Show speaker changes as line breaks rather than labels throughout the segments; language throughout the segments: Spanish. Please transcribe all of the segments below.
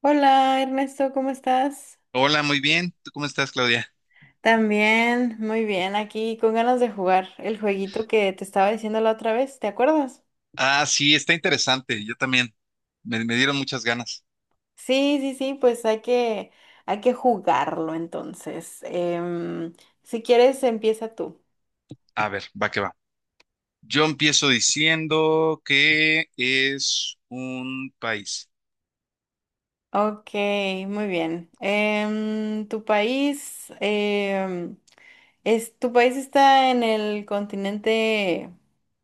Hola Ernesto, ¿cómo estás?
Hola, muy bien. ¿Tú cómo estás, Claudia?
También, muy bien, aquí con ganas de jugar el jueguito que te estaba diciendo la otra vez, ¿te acuerdas?
Ah, sí, está interesante. Yo también. Me dieron muchas ganas.
Sí, sí, sí, pues hay que jugarlo entonces. Si quieres, empieza tú.
A ver, va que va. Yo empiezo diciendo que es un país.
Ok, muy bien. ¿Tu país, tu país está en el continente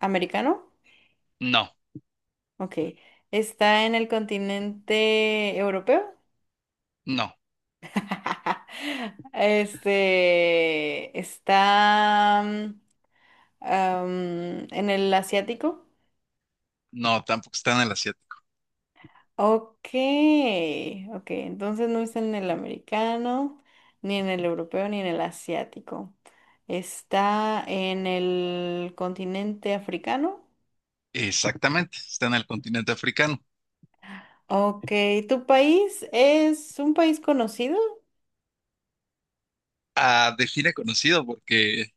americano?
No,
Ok, ¿está en el continente europeo?
no,
Está en el asiático.
no, tampoco está en el asiático.
Ok, ok, entonces no está en el americano, ni en el europeo, ni en el asiático. Está en el continente africano.
Exactamente, está en el continente africano.
Ok, ¿tu país es un país conocido?
Ah, define conocido porque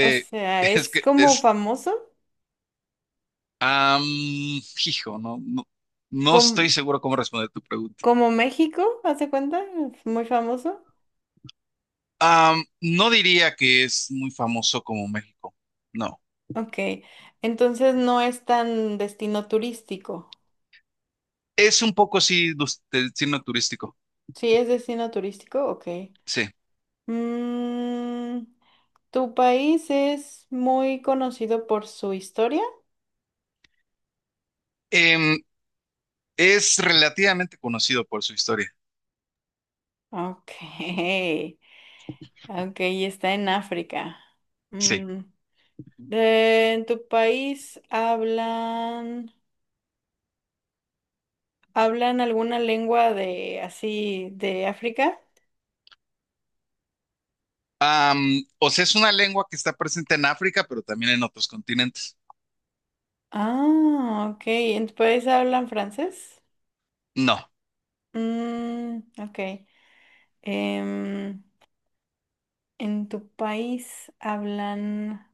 O sea,
es
¿es
que
como
es,
famoso?
am, hijo, no, no, no
¿Como,
estoy seguro cómo responder tu pregunta.
como México? ¿Hace cuenta? ¿Es muy famoso?
No diría que es muy famoso como México, no.
Ok, entonces no es tan destino turístico.
Es un poco sí destino turístico,
Sí, es destino turístico, ok.
sí.
Mm, ¿tu país es muy conocido por su historia?
Em, es relativamente conocido por su historia,
Ok, ok, y está en África.
sí.
Mm, ¿en tu país hablan alguna lengua de así de África?
Am, o sea, es una lengua que está presente en África, pero también en otros continentes.
Ah, ok, ¿en tu país hablan francés?
No,
Mm, ok. Em, ¿En tu país hablan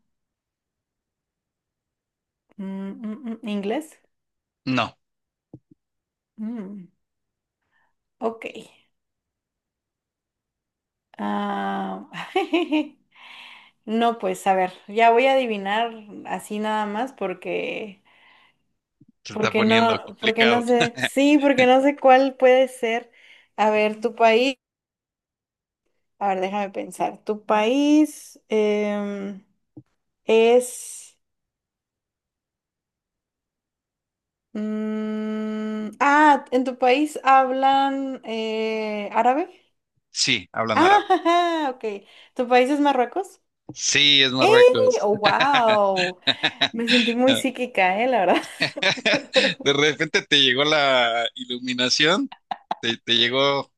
inglés?
no,
Mm, ok. Ah, no, pues a ver, ya voy a adivinar así nada más
se está poniendo
porque no
complicado.
sé, sí, porque no sé cuál puede ser. A ver, tu país, a ver, déjame pensar. ¿Tu país es... ah, ¿en tu país hablan árabe?
Sí, hablan
Ah,
árabe.
ok. ¿Tu país es Marruecos?
Sí, es
¡Eh!
Marruecos.
¡Oh, wow! Me sentí muy psíquica, ¿eh? La verdad.
De repente te llegó la iluminación, te llegó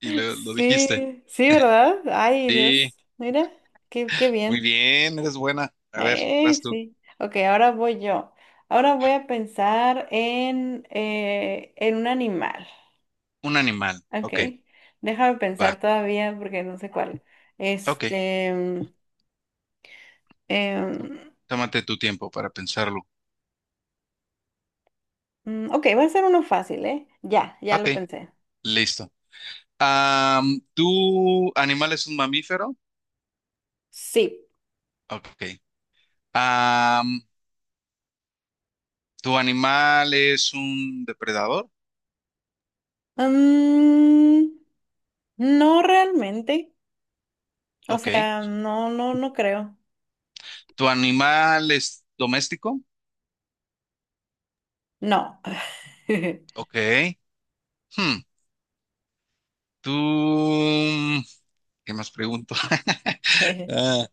y lo dijiste.
Sí, sí, ¿verdad? Ay,
Sí.
Dios. Mira, qué
Muy
bien.
bien, eres buena. A ver, vas tú.
Sí. Ok, ahora voy yo. Ahora voy a pensar en un animal.
Un animal.
Ok.
Ok,
Déjame
va.
pensar todavía porque no sé cuál.
Ok.
Este. mm,
tó-
em,
Tómate tu tiempo para pensarlo.
ok, va a ser uno fácil, ¿eh? Ya
Ok,
lo pensé.
listo. ¿Tu animal es un mamífero?
Sí.
Ok. Am, ¿Tu animal es un depredador?
Mm, no realmente. O
Ok.
sea, no creo.
¿Tu animal es doméstico?
No.
Ok. Hmm. ¿Tú... ¿Qué más pregunto? Ah,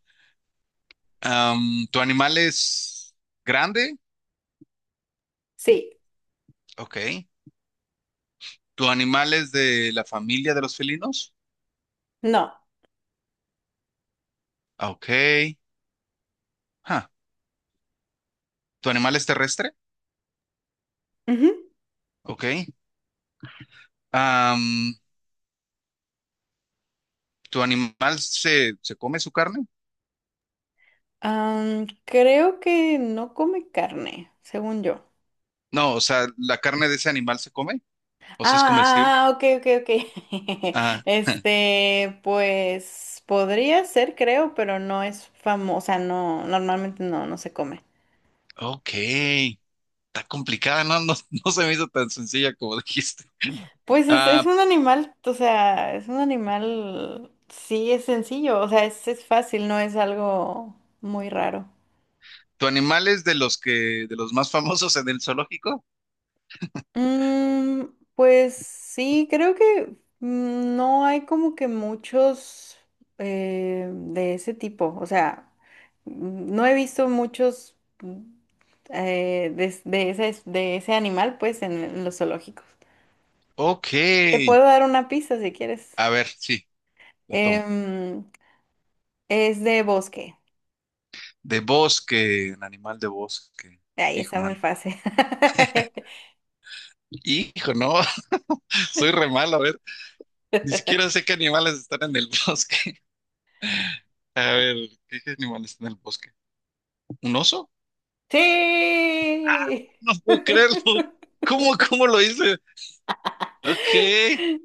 ¿Tu animal es grande?
Sí,
Ok. ¿Tu animal es de la familia de los felinos?
no.
Ah, ok. Ah, ¿Tu animal es terrestre?
Ujú.
Ok. Am, ¿Tu animal se come su carne?
Am, creo que no come carne, según yo.
No, o sea, ¿la carne de ese animal se come?
Ah,
¿O sea, es comestible?
ah, ah, ok, ok, ok.
Ah,
Este, pues podría ser, creo, pero no es famosa, no, normalmente no se come.
ok. Está complicada, ¿no? No, no se me hizo tan sencilla como dijiste.
Pues es
Ah,
un animal, o sea, es un animal, sí, es sencillo, o sea, es fácil, no es algo muy raro.
¿Tu animal es de los que, de los más famosos en el zoológico?
Mm, pues sí, creo que no hay como que muchos de ese tipo, o sea, no he visto muchos de de ese animal, pues, en los zoológicos.
Ok.
Te puedo dar una pista si quieres.
A ver, sí, lo tomo.
Em, es de bosque.
De bosque, un animal de bosque.
Ahí
Hijo,
está
man.
muy fácil.
Hijo, no. Soy re malo, a ver. Ni siquiera sé qué animales están en el bosque. A ver, ¿qué animales están en el bosque? ¿Un oso?
Sí.
No puedo creerlo. ¿Cómo, cómo lo hice? Ok.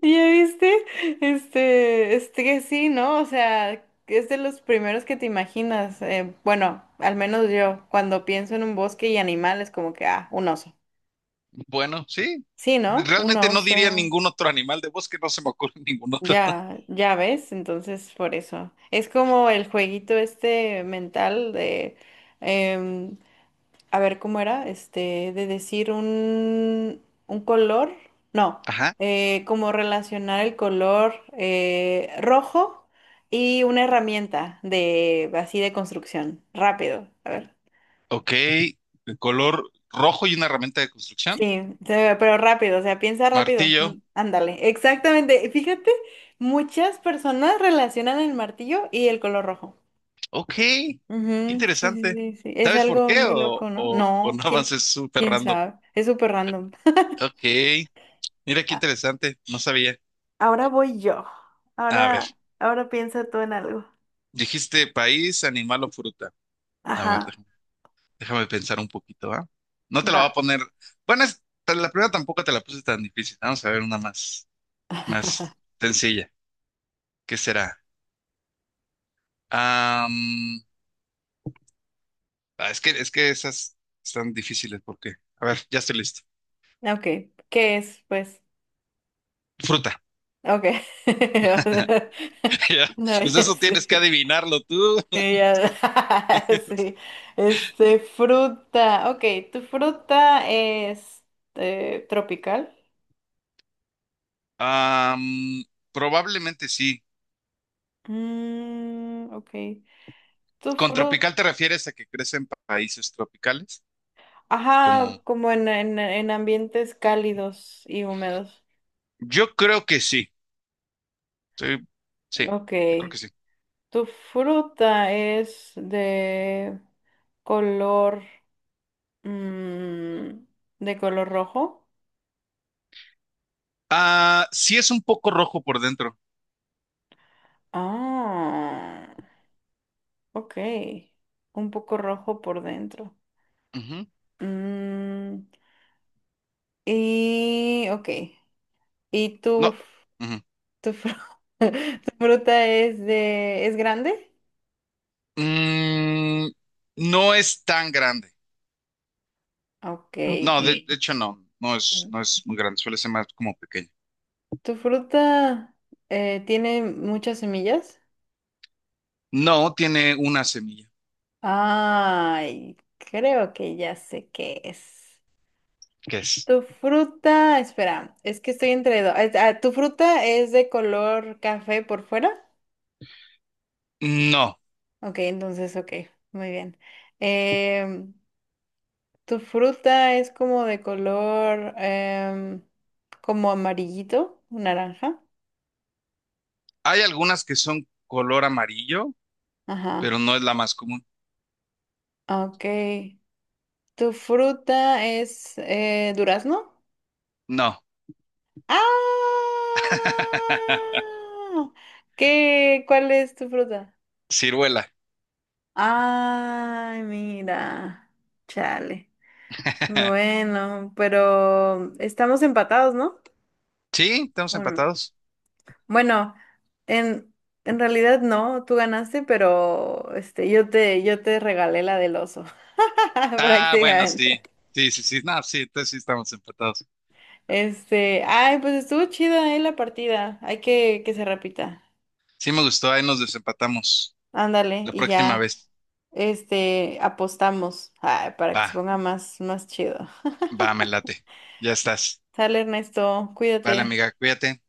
¿Ya viste? Este que sí, ¿no? O sea, es de los primeros que te imaginas. Bueno, al menos yo, cuando pienso en un bosque y animales, como que, ah, un oso.
Bueno, sí.
Sí, ¿no? Un
Realmente no diría
oso.
ningún otro animal de bosque, no se me ocurre ningún otro.
Ya, ya ves, entonces por eso. Es como el jueguito este mental de, em, a ver, ¿cómo era? Este, un color, no,
Ajá.
como relacionar el color rojo y una herramienta de, así de construcción, rápido, a ver.
Ok. El color rojo y una herramienta de construcción.
Sí, se pero rápido, o sea, piensa rápido.
Martillo.
Mm, Ándale, exactamente. Fíjate, muchas personas relacionan el martillo y el color rojo.
Ok. Qué
Ujú, sí, sí,
interesante.
sí, sí. Es
¿Sabes por
algo
qué?
muy loco, ¿no?
O
No,
no avances súper
¿quién
random.
sabe? Es súper random.
Ok. Mira qué interesante. No sabía.
Ahora voy yo.
A ver.
Ahora piensa tú en algo.
Dijiste país, animal o fruta. A ver,
Ajá,
déjame pensar un poquito, ¿ah? No te la voy a
va.
poner. Bueno, pues, la primera tampoco te la puse tan difícil. Vamos a ver una más, más sencilla. ¿Qué será? Am, es que, es que esas están difíciles porque. A ver, ya estoy listo.
Ok, ¿qué es? Pues,
Fruta.
ok.
Ya.
No,
Pues
ya
eso tienes que
sé.
adivinarlo tú.
Sí, ya- sí. Este, fruta. Ok, ¿tu fruta es tropical?
Am, Probablemente sí.
Mm, ok. ¿Tu
Con
fruta?
tropical te refieres a que crece en países tropicales,
Ajá,
como
como en ambientes cálidos y húmedos.
yo creo que sí. Sí, sí,
Ok.
yo creo que sí.
¿Tu fruta es de color, mm, de color rojo?
Ah, sí es un poco rojo por dentro.
Ah, ok. Un poco rojo por dentro.
Ujú.
Mm, y, ok. ¿Y tu,
No. Ujú.
tu, fru- ¿Tu fruta es grande?
Mm, no es tan grande.
Ok.
No, de, ok, de hecho no, no es,
Mm.
no es muy grande, suele ser más como pequeño.
¿Tu fruta tiene muchas semillas?
No, tiene una semilla.
Ay, creo que ya sé qué es.
¿Qué es?
Tu fruta, espera, es que estoy entre dos. Ah, ¿tu fruta es de color café por fuera?
No,
Ok, entonces, ok, muy bien. Em, ¿Tu fruta es como de color como amarillito, naranja?
hay algunas que son color amarillo, pero
Ajá,
no es la más común.
ok. ¿Tu fruta es durazno?
No,
¡Ah! ¿Qué? ¿Cuál es tu fruta?
ciruela.
Ay, mira, chale. Bueno, pero estamos empatados, ¿no?
Sí, estamos
¿O no?
empatados.
Bueno, en, en realidad no, tú ganaste, pero este, yo te regalé la del oso,
Ah, bueno, sí,
prácticamente.
sí, sí, sí, no, sí, entonces sí estamos empatados.
Este, ay, pues estuvo chida, la partida. Hay que se repita.
Sí me gustó, ahí nos desempatamos.
Ándale,
La
y
próxima
ya,
vez.
este, apostamos, ay, para que se
Va,
ponga más, más chido.
va, me late. Ya estás.
Sale, Ernesto,
Vale,
cuídate.
amiga, cuídate.